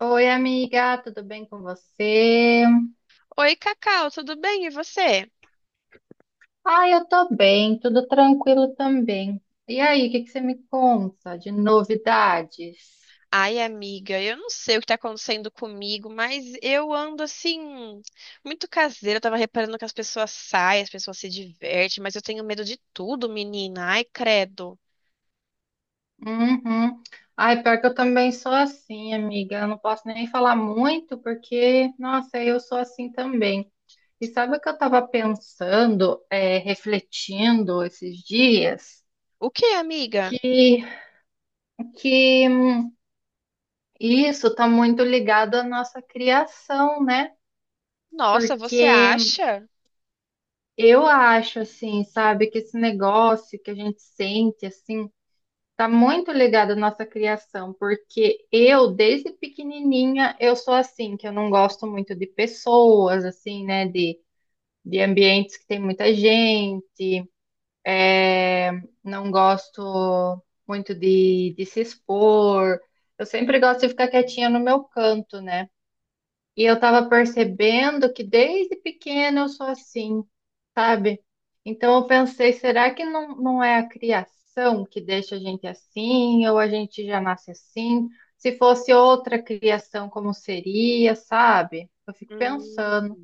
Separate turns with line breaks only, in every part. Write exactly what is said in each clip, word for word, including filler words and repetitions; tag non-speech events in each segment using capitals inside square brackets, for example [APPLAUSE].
Oi, amiga, tudo bem com você?
Oi, Cacau, tudo bem? E você?
Ah, eu tô bem, tudo tranquilo também. E aí, o que que você me conta de novidades?
Ai, amiga, eu não sei o que tá acontecendo comigo, mas eu ando assim, muito caseira. Eu tava reparando que as pessoas saem, as pessoas se divertem, mas eu tenho medo de tudo, menina. Ai, credo.
Uhum. Ai, pior que eu também sou assim, amiga. Eu não posso nem falar muito, porque, nossa, eu sou assim também. E sabe o que eu tava pensando, é, refletindo esses dias?
O que, amiga?
Que, que isso tá muito ligado à nossa criação, né?
Nossa, você
Porque
acha?
eu acho, assim, sabe, que esse negócio que a gente sente, assim, tá muito ligado à nossa criação, porque eu, desde pequenininha, eu sou assim, que eu não gosto muito de pessoas, assim, né, de, de ambientes que tem muita gente, é, não gosto muito de, de se expor, eu sempre gosto de ficar quietinha no meu canto, né? E eu tava percebendo que desde pequena eu sou assim, sabe? Então eu pensei, será que não, não é a criação que deixa a gente assim, ou a gente já nasce assim? Se fosse outra criação, como seria, sabe? Eu fico
Hum.
pensando.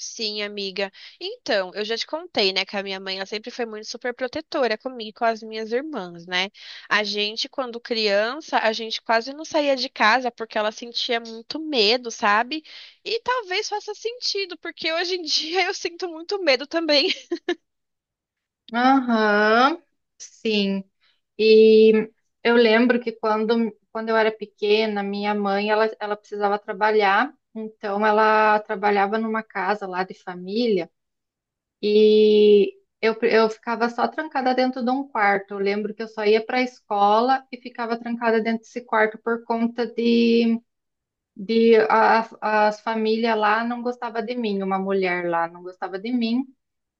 Sim, amiga. Então, eu já te contei, né, que a minha mãe, ela sempre foi muito super protetora comigo e com as minhas irmãs, né? A gente, quando criança, a gente quase não saía de casa porque ela sentia muito medo, sabe? E talvez faça sentido, porque hoje em [LAUGHS] dia eu sinto muito medo também.
Aham, sim. E eu lembro que quando, quando eu era pequena, minha mãe, ela, ela precisava trabalhar, então ela trabalhava numa casa lá de família. E eu, eu ficava só trancada dentro de um quarto. Eu lembro que eu só ia para a escola e ficava trancada dentro desse quarto por conta de, de a- as famílias lá não gostava de mim, uma mulher lá não gostava de mim,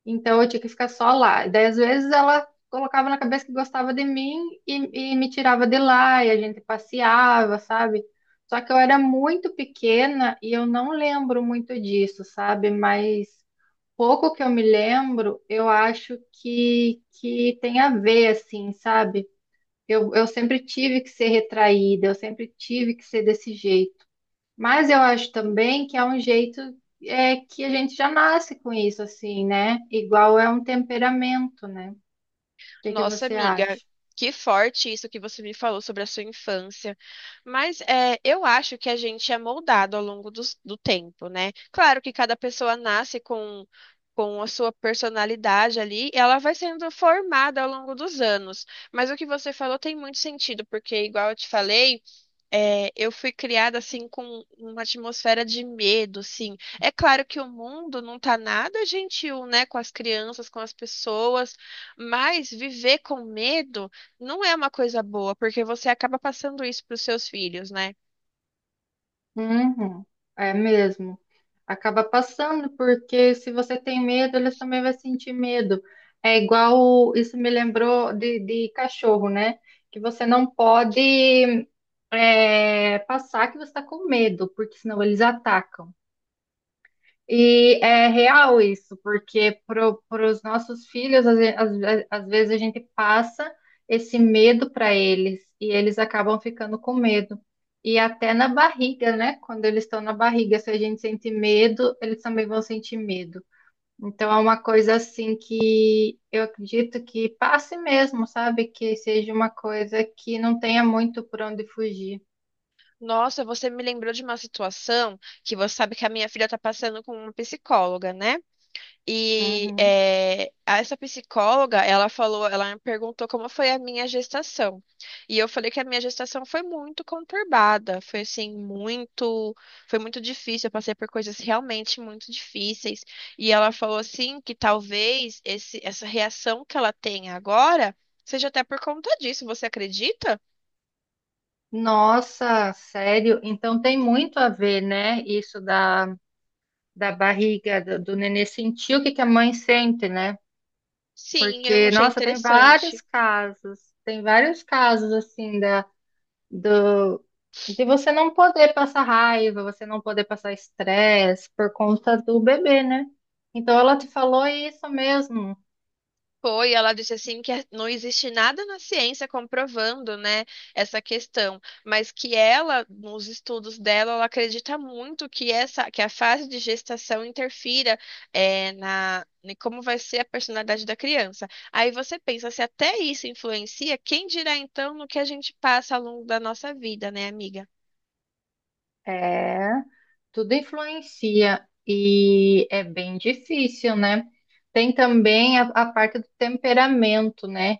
então eu tinha que ficar só lá. E daí, às vezes, ela colocava na cabeça que gostava de mim e, e me tirava de lá, e a gente passeava, sabe? Só que eu era muito pequena e eu não lembro muito disso, sabe? Mas. Pouco que eu me lembro, eu acho que, que tem a ver, assim, sabe? Eu, eu sempre tive que ser retraída, eu sempre tive que ser desse jeito. Mas eu acho também que é um jeito é, que a gente já nasce com isso, assim, né? Igual é um temperamento, né? O que que
Nossa,
você
amiga,
acha?
que forte isso que você me falou sobre a sua infância. Mas é, eu acho que a gente é moldado ao longo dos- do, tempo, né? Claro que cada pessoa nasce com, com a sua personalidade ali, e ela vai sendo formada ao longo dos anos. Mas o que você falou tem muito sentido, porque, igual eu te falei. É, eu fui criada assim com uma atmosfera de medo, assim. É claro que o mundo não tá nada gentil, né, com as crianças, com as pessoas, mas viver com medo não é uma coisa boa, porque você acaba passando isso para os seus filhos, né?
Uhum, é mesmo. Acaba passando, porque se você tem medo, eles também vão sentir medo. É igual, isso me lembrou de, de cachorro, né? Que você não pode, é, passar que você está com medo, porque senão eles atacam. E é real isso, porque para os nossos filhos, às, ve- às às vezes a gente passa esse medo para eles e eles acabam ficando com medo. E até na barriga, né? Quando eles estão na barriga, se a gente sente medo, eles também vão sentir medo. Então é uma coisa assim que eu acredito que passe mesmo, sabe? Que seja uma coisa que não tenha muito por onde fugir.
Nossa, você me lembrou de uma situação que você sabe que a minha filha tá passando com uma psicóloga, né? E
Uhum.
eh, essa psicóloga, ela falou, ela me perguntou como foi a minha gestação. E eu falei que a minha gestação foi muito conturbada, foi assim, muito, foi muito difícil, eu passei por coisas realmente muito difíceis. E ela falou assim que talvez esse, essa reação que ela tem agora seja até por conta disso, você acredita?
Nossa, sério? Então tem muito a ver, né? Isso da, da barriga do, do nenê sentir o que que a mãe sente, né?
Sim, eu
Porque,
achei
nossa, tem vários
interessante.
casos, tem vários casos assim da do de você não poder passar raiva, você não poder passar estresse por conta do bebê, né? Então ela te falou isso mesmo.
Foi, ela disse assim que é, não existe nada na ciência comprovando, né, essa questão, mas que ela, nos estudos dela, ela acredita muito que essa, que a fase de gestação interfira eh, na em como vai ser a personalidade da criança. Aí você pensa, se até isso influencia, quem dirá então no que a gente passa ao longo da nossa vida, né, amiga?
É. Tudo influencia e é bem difícil, né? Tem também a, a parte do temperamento, né?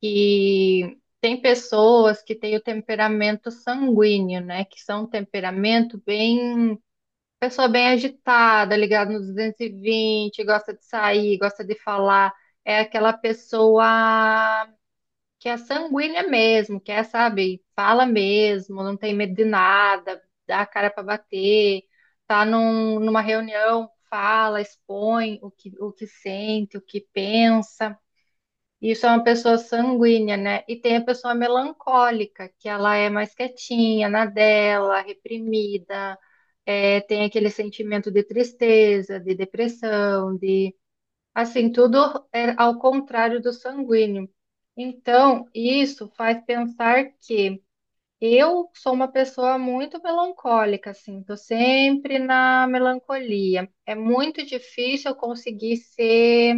Que tem pessoas que têm o temperamento sanguíneo, né? Que são um temperamento bem, pessoa bem agitada, ligada no duzentos e vinte, gosta de sair, gosta de falar. É aquela pessoa que é sanguínea mesmo, que é, sabe, fala mesmo, não tem medo de nada, dá a cara para bater, tá num- numa reunião, fala, expõe o que, o que sente, o que pensa. Isso é uma pessoa sanguínea, né? E tem a pessoa melancólica, que ela é mais quietinha, na dela, reprimida, é, tem aquele sentimento de tristeza, de depressão, de assim, tudo é ao contrário do sanguíneo. Então, isso faz pensar que eu sou uma pessoa muito melancólica, assim, tô sempre na melancolia. É muito difícil eu conseguir ser,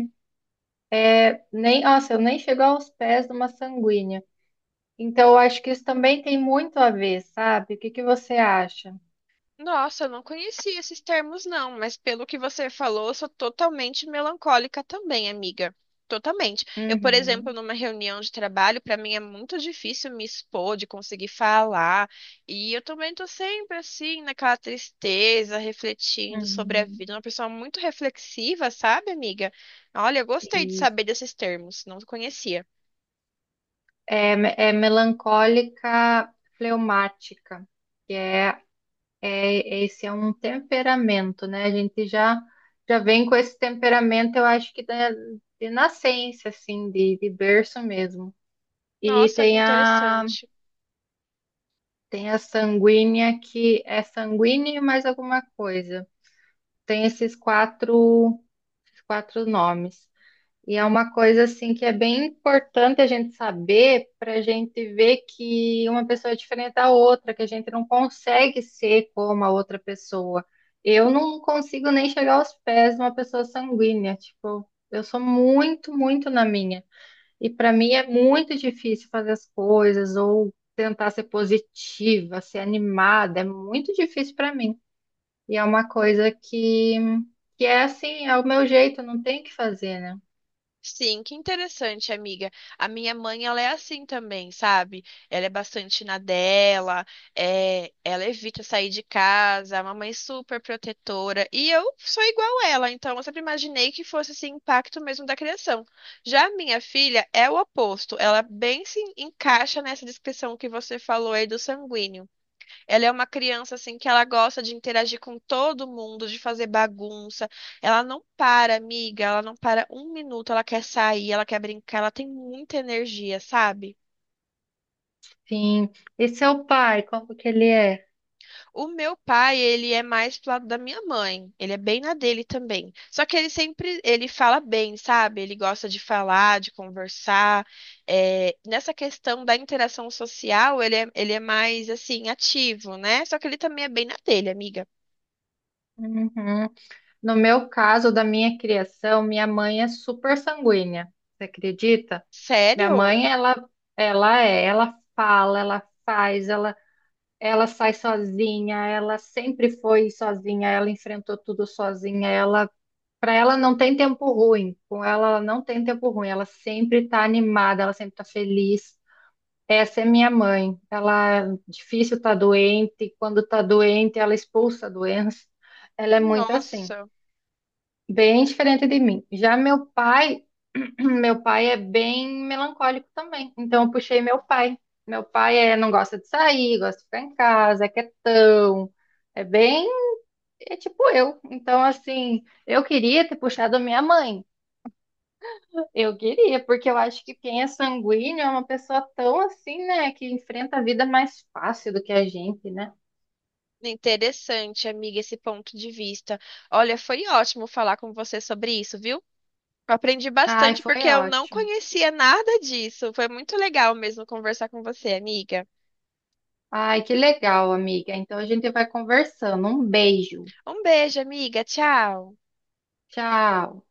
nem, nossa, eu nem chego aos pés de uma sanguínea. Então, eu acho que isso também tem muito a ver, sabe? O que que você acha?
Nossa, eu não conhecia esses termos, não, mas pelo que você falou, eu sou totalmente melancólica também, amiga. Totalmente. Eu, por exemplo,
Uhum.
numa reunião de trabalho, para mim é muito difícil me expor, de conseguir falar. E eu também tô sempre assim, naquela tristeza, refletindo sobre a
Uhum.
vida. Uma pessoa muito reflexiva, sabe, amiga? Olha, eu gostei de saber
Isso.
desses termos, não conhecia.
É, me- é melancólica, fleumática, que é, é, esse é um temperamento, né? A gente já já vem com esse temperamento, eu acho que da, de nascença, assim, de, de berço mesmo. E
Nossa, que
tem a,
interessante.
tem a sanguínea que é sanguínea e mais alguma coisa. Tem esses quatro, esses quatro nomes. E é uma coisa assim que é bem importante a gente saber para a gente ver que uma pessoa é diferente da outra, que a gente não consegue ser como a outra pessoa. Eu não consigo nem chegar aos pés de uma pessoa sanguínea, tipo, eu sou muito, muito na minha. E para mim é muito difícil fazer as coisas ou tentar ser positiva, ser animada, é muito difícil para mim. E é uma coisa que que é assim, é o meu jeito, não tem o que fazer, né?
Sim, que interessante, amiga. A minha mãe, ela é assim também, sabe? Ela é bastante na dela, é, ela evita sair de casa, é uma mãe super protetora. E eu sou igual ela, então eu sempre imaginei que fosse esse impacto mesmo da criação. Já a minha filha é o oposto, ela bem se encaixa nessa descrição que você falou aí do sanguíneo. Ela é uma criança assim que ela gosta de interagir com todo mundo, de fazer bagunça. Ela não para, amiga, ela não para um minuto, ela quer sair, ela quer brincar, ela tem muita energia, sabe?
Sim. E seu pai, como que ele é?
O meu pai, ele é mais pro lado da minha mãe, ele é bem na dele também. Só que ele sempre, ele fala bem, sabe? Ele gosta de falar, de conversar. É, nessa questão da interação social, ele é, ele é mais assim ativo, né? Só que ele também é bem na dele, amiga.
Uhum. No meu caso, da minha criação, minha mãe é super sanguínea. Você acredita? Minha
Sério?
mãe, ela, ela é, ela fala, ela faz, ela, ela sai sozinha, ela sempre foi sozinha, ela enfrentou tudo sozinha, ela, para ela não tem tempo ruim. Com ela, ela não tem tempo ruim. Ela sempre tá animada, ela sempre tá feliz. Essa é minha mãe. Ela é difícil tá doente, quando tá doente, ela expulsa a doença. Ela é muito assim,
Nossa.
bem diferente de mim. Já meu pai, [CLEARS THROAT] meu pai é bem melancólico também. Então eu puxei meu pai. Meu pai é, não gosta de sair, gosta de ficar em casa, é quietão. É bem, é tipo eu. Então assim, eu queria ter puxado a minha mãe. Eu queria, porque eu acho que quem é sanguíneo é uma pessoa tão assim, né, que enfrenta a vida mais fácil do que a gente, né?
Interessante, amiga, esse ponto de vista. Olha, foi ótimo falar com você sobre isso, viu? Aprendi
Ai,
bastante
foi
porque eu não
ótimo.
conhecia nada disso. Foi muito legal mesmo conversar com você, amiga.
Ai, que legal, amiga. Então a gente vai conversando. Um beijo.
Um beijo, amiga. Tchau.
Tchau.